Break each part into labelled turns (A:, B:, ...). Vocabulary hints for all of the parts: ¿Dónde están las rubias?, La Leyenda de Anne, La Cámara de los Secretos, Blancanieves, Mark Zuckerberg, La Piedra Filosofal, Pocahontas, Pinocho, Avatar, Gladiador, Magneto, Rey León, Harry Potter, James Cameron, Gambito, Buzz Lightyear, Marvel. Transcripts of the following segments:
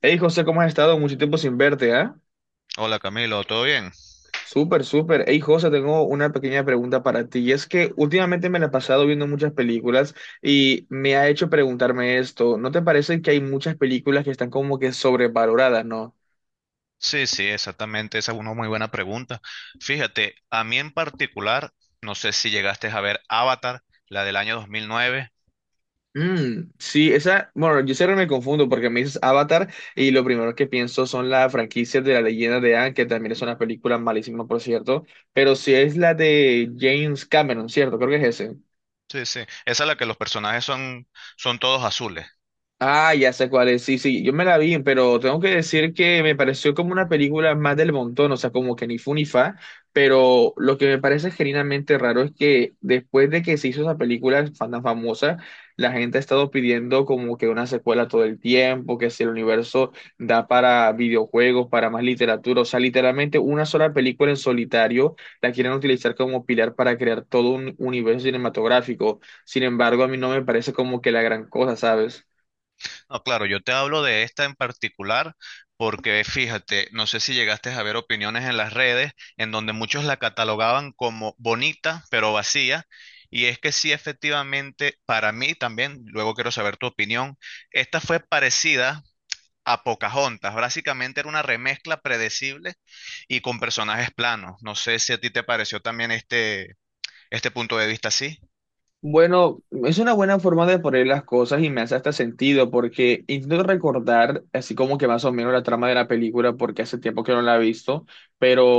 A: Hey José, ¿cómo has estado? Mucho tiempo sin verte, ¿ah?
B: Hola Camilo, ¿todo bien?
A: Súper, súper. Hey José, tengo una pequeña pregunta para ti. Y es que últimamente me la he pasado viendo muchas películas y me ha hecho preguntarme esto. ¿No te parece que hay muchas películas que están como que sobrevaloradas, no?
B: Sí, exactamente, esa es una muy buena pregunta. Fíjate, a mí en particular, no sé si llegaste a ver Avatar, la del año 2009.
A: Mm, sí, esa, bueno, yo siempre me confundo porque me dices Avatar y lo primero que pienso son las franquicias de La Leyenda de Anne, que también es una película malísima, por cierto, pero si es la de James Cameron, ¿cierto? Creo que es ese.
B: Sí, esa es la que los personajes son todos azules.
A: Ah, ya sé cuál es. Sí, sí, yo me la vi, pero tengo que decir que me pareció como una película más del montón, o sea, como que ni fu ni fa, pero lo que me parece genuinamente raro es que después de que se hizo esa película tan famosa, la gente ha estado pidiendo como que una secuela todo el tiempo, que si el universo da para videojuegos, para más literatura, o sea, literalmente una sola película en solitario la quieren utilizar como pilar para crear todo un universo cinematográfico. Sin embargo, a mí no me parece como que la gran cosa, ¿sabes?
B: No, claro, yo te hablo de esta en particular porque fíjate, no sé si llegaste a ver opiniones en las redes en donde muchos la catalogaban como bonita pero vacía. Y es que sí, efectivamente, para mí también, luego quiero saber tu opinión, esta fue parecida a Pocahontas. Básicamente era una remezcla predecible y con personajes planos. No sé si a ti te pareció también este punto de vista así.
A: Bueno, es una buena forma de poner las cosas y me hace hasta sentido porque intento recordar así como que más o menos la trama de la película porque hace tiempo que no la he visto,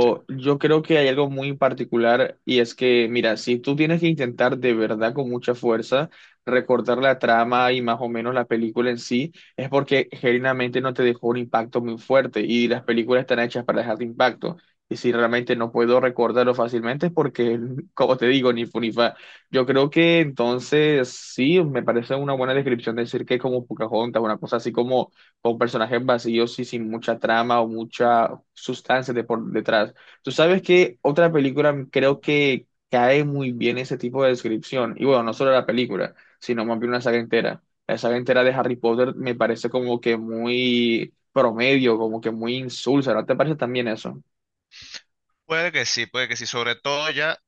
B: Sí.
A: yo creo que hay algo muy particular y es que, mira, si tú tienes que intentar de verdad con mucha fuerza recordar la trama y más o menos la película en sí, es porque genuinamente no te dejó un impacto muy fuerte y las películas están hechas para dejar impacto. Y si realmente no puedo recordarlo fácilmente es porque, como te digo, ni fu ni fa. Yo creo que entonces sí, me parece una buena descripción decir que es como Pocahontas, una cosa así como con personajes vacíos y sin mucha trama o mucha sustancia de por detrás. Tú sabes que otra película creo que cae muy bien ese tipo de descripción, y bueno, no solo la película, sino más bien una saga entera. La saga entera de Harry Potter me parece como que muy promedio, como que muy insulsa, ¿no te parece también eso?
B: Puede que sí, puede que sí. Sobre todo ya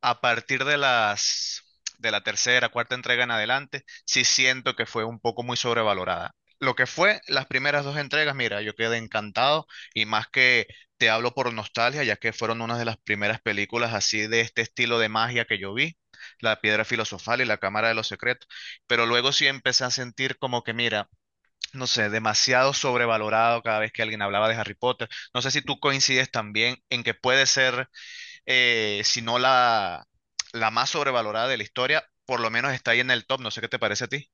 B: a partir de las de la tercera, cuarta entrega en adelante, sí siento que fue un poco muy sobrevalorada. Lo que fue las primeras dos entregas, mira, yo quedé encantado y más que te hablo por nostalgia, ya que fueron una de las primeras películas así de este estilo de magia que yo vi, La Piedra Filosofal y La Cámara de los Secretos, pero luego sí empecé a sentir como que, mira, no sé, demasiado sobrevalorado cada vez que alguien hablaba de Harry Potter. No sé si tú coincides también en que puede ser si no la, la más sobrevalorada de la historia, por lo menos está ahí en el top. No sé qué te parece a ti.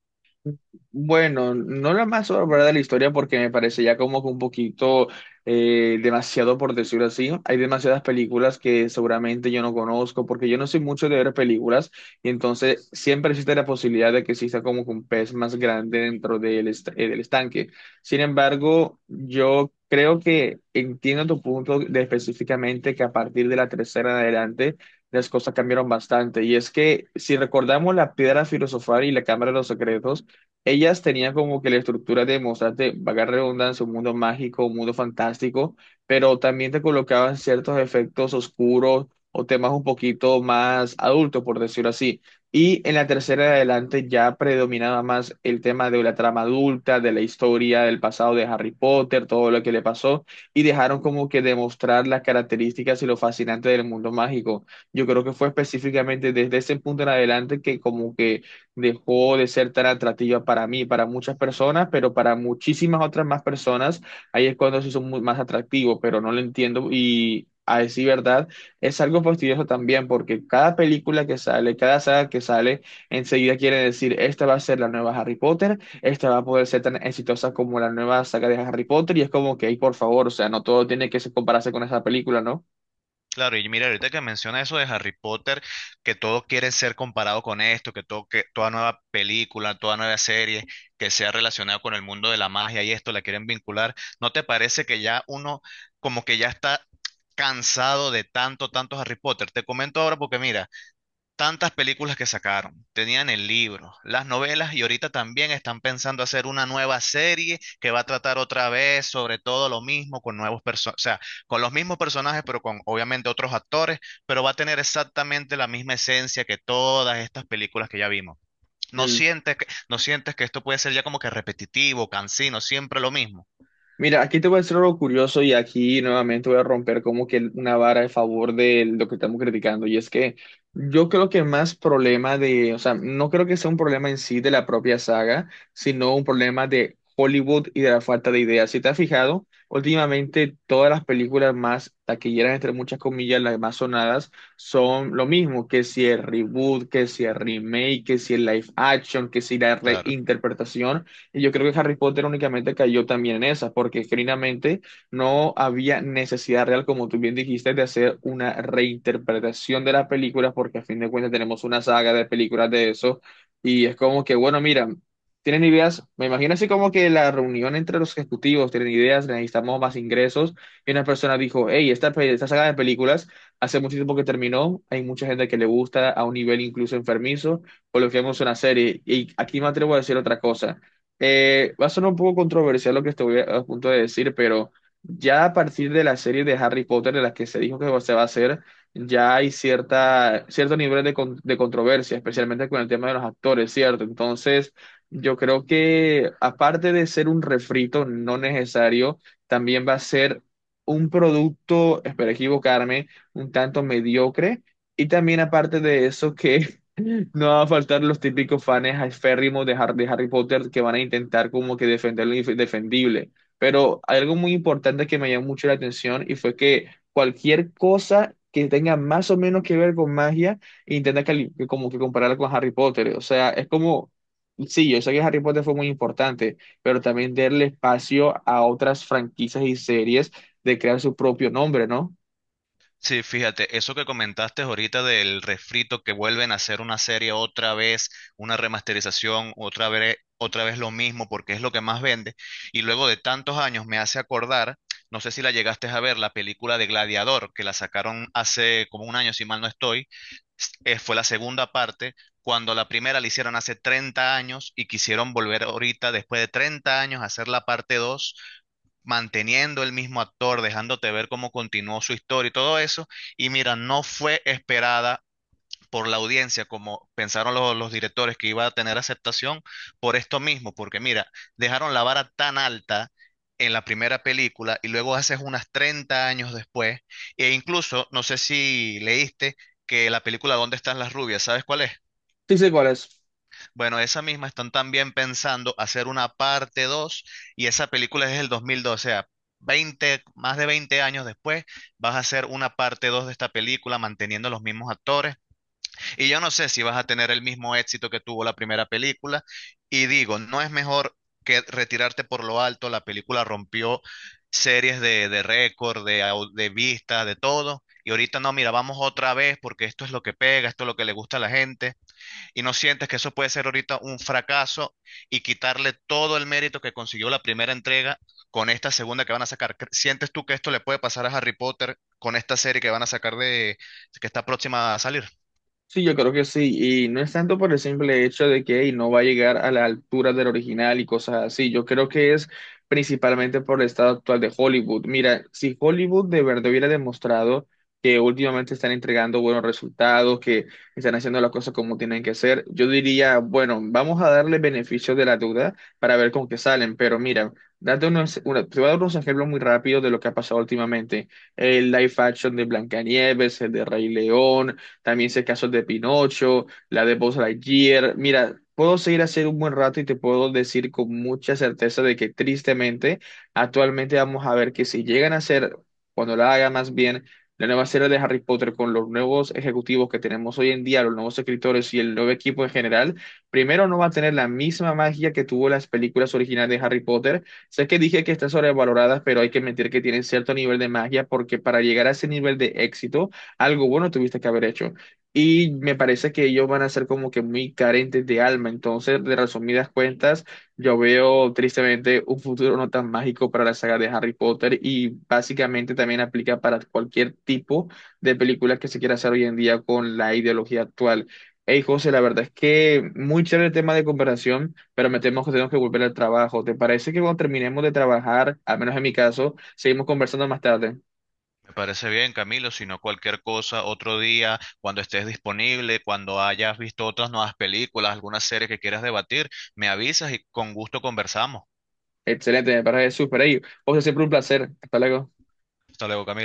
A: Bueno, no la más sobrevalorada de la historia porque me parece ya como que un poquito demasiado por decirlo así. Hay demasiadas películas que seguramente yo no conozco porque yo no soy mucho de ver películas y entonces siempre existe la posibilidad de que exista como que un pez más grande dentro del, del estanque. Sin embargo, yo creo que entiendo tu punto de específicamente que a partir de la tercera en adelante las cosas cambiaron bastante y es que si recordamos la piedra filosofal y la cámara de los secretos, ellas tenían como que la estructura de mostrarte, vaga redundancia, un mundo mágico, un mundo fantástico, pero también te colocaban ciertos efectos oscuros o temas un poquito más adultos, por decirlo así. Y en la tercera de adelante ya predominaba más el tema de la trama adulta, de la historia, del pasado de Harry Potter, todo lo que le pasó, y dejaron como que demostrar las características y lo fascinante del mundo mágico. Yo creo que fue específicamente desde ese punto en adelante que como que dejó de ser tan atractiva para mí, para muchas personas, pero para muchísimas otras más personas, ahí es cuando se hizo más atractivo, pero no lo entiendo y a decir verdad, es algo fastidioso también porque cada película que sale, cada saga que sale, enseguida quiere decir, esta va a ser la nueva Harry Potter, esta va a poder ser tan exitosa como la nueva saga de Harry Potter y es como que, "Ey, por favor, o sea, no todo tiene que compararse con esa película, ¿no?"
B: Claro, y mira, ahorita que menciona eso de Harry Potter, que todo quiere ser comparado con esto, que todo, que toda nueva película, toda nueva serie que sea relacionada con el mundo de la magia y esto la quieren vincular, ¿no te parece que ya uno como que ya está cansado de tanto Harry Potter? Te comento ahora porque mira, tantas películas que sacaron, tenían el libro, las novelas y ahorita también están pensando hacer una nueva serie que va a tratar otra vez sobre todo lo mismo con nuevos personajes, o sea, con los mismos personajes pero con obviamente otros actores, pero va a tener exactamente la misma esencia que todas estas películas que ya vimos. ¿No sientes que esto puede ser ya como que repetitivo, cansino, siempre lo mismo?
A: Mira, aquí te voy a decir algo curioso y aquí nuevamente voy a romper como que una vara a favor de lo que estamos criticando. Y es que yo creo que más problema de, o sea, no creo que sea un problema en sí de la propia saga, sino un problema de Hollywood y de la falta de ideas. Si te has fijado, últimamente todas las películas más taquilleras, entre muchas comillas, las más sonadas, son lo mismo, que si el reboot, que si el remake, que si el live action, que si la
B: Claro.
A: reinterpretación. Y yo creo que Harry Potter únicamente cayó también en esa, porque genuinamente no había necesidad real, como tú bien dijiste, de hacer una reinterpretación de las películas, porque a fin de cuentas tenemos una saga de películas de eso. Y es como que, bueno, mira, tienen ideas, me imagino así como que la reunión entre los ejecutivos, tienen ideas, necesitamos más ingresos. Y una persona dijo, hey, esta, esta saga de películas hace mucho tiempo que terminó, hay mucha gente que le gusta a un nivel incluso enfermizo, coloquemos una serie. Y aquí me atrevo a decir otra cosa. Va a sonar un poco controversial lo que estoy a punto de decir, pero ya a partir de la serie de Harry Potter de las que se dijo que se va a hacer, ya hay cierta, cierto nivel de, de controversia, especialmente con el tema de los actores, ¿cierto? Entonces, yo creo que aparte de ser un refrito no necesario, también va a ser un producto, espero equivocarme, un tanto mediocre. Y también aparte de eso, que no va a faltar los típicos fans aférrimos de Harry Potter que van a intentar como que defender lo indefendible. Pero hay algo muy importante que me llamó mucho la atención y fue que cualquier cosa que tenga más o menos que ver con magia, intenta como que compararla con Harry Potter. O sea, es como, sí, yo sé que Harry Potter fue muy importante, pero también darle espacio a otras franquicias y series de crear su propio nombre, ¿no?
B: Sí, fíjate, eso que comentaste ahorita del refrito que vuelven a hacer una serie otra vez, una remasterización, otra vez lo mismo, porque es lo que más vende. Y luego de tantos años me hace acordar, no sé si la llegaste a ver, la película de Gladiador, que la sacaron hace como un año, si mal no estoy, fue la segunda parte, cuando la primera la hicieron hace 30 años y quisieron volver ahorita, después de 30 años, a hacer la parte 2 manteniendo el mismo actor, dejándote ver cómo continuó su historia y todo eso. Y mira, no fue esperada por la audiencia, como pensaron los directores que iba a tener aceptación, por esto mismo, porque mira, dejaron la vara tan alta en la primera película y luego haces unas 30 años después, e incluso, no sé si leíste que la película ¿Dónde están las rubias? ¿Sabes cuál es?
A: Sí sé cuál es.
B: Bueno, esa misma están también pensando hacer una parte 2 y esa película es del 2012, o sea, más de 20 años después vas a hacer una parte 2 de esta película manteniendo los mismos actores y yo no sé si vas a tener el mismo éxito que tuvo la primera película. Y digo, no es mejor que retirarte por lo alto. La película rompió series de récord, de vistas, de todo. Y ahorita no, mira, vamos otra vez porque esto es lo que pega, esto es lo que le gusta a la gente. Y no sientes que eso puede ser ahorita un fracaso y quitarle todo el mérito que consiguió la primera entrega con esta segunda que van a sacar. ¿Sientes tú que esto le puede pasar a Harry Potter con esta serie que van a sacar de que está próxima a salir?
A: Sí, yo creo que sí, y no es tanto por el simple hecho de que hey, no va a llegar a la altura del original y cosas así, yo creo que es principalmente por el estado actual de Hollywood. Mira, si Hollywood de verdad hubiera demostrado que últimamente están entregando buenos resultados, que están haciendo las cosas como tienen que ser, yo diría, bueno, vamos a darle beneficio de la duda para ver con qué salen, pero mira, date te voy a dar unos ejemplos muy rápidos de lo que ha pasado últimamente, el live action de Blancanieves, el de Rey León, también sé casos de Pinocho, la de Buzz Lightyear. Mira, puedo seguir así un buen rato y te puedo decir con mucha certeza de que tristemente, actualmente vamos a ver que si llegan a hacer, cuando la haga más bien, la nueva serie de Harry Potter con los nuevos ejecutivos que tenemos hoy en día, los nuevos escritores y el nuevo equipo en general, primero no va a tener la misma magia que tuvo las películas originales de Harry Potter. Sé que dije que están sobrevaloradas, pero hay que admitir que tienen cierto nivel de magia porque para llegar a ese nivel de éxito, algo bueno tuviste que haber hecho. Y me parece que ellos van a ser como que muy carentes de alma. Entonces, de resumidas cuentas, yo veo tristemente un futuro no tan mágico para la saga de Harry Potter y básicamente también aplica para cualquier tipo de película que se quiera hacer hoy en día con la ideología actual. Hey, José, la verdad es que muy chévere el tema de comparación, pero me temo que tenemos que volver al trabajo. ¿Te parece que cuando terminemos de trabajar, al menos en mi caso, seguimos conversando más tarde?
B: Me parece bien, Camilo, si no cualquier cosa, otro día, cuando estés disponible, cuando hayas visto otras nuevas películas, alguna serie que quieras debatir, me avisas y con gusto conversamos.
A: Excelente, me parece súper. Hey, José, siempre un placer. Hasta luego.
B: Hasta luego, Camilo.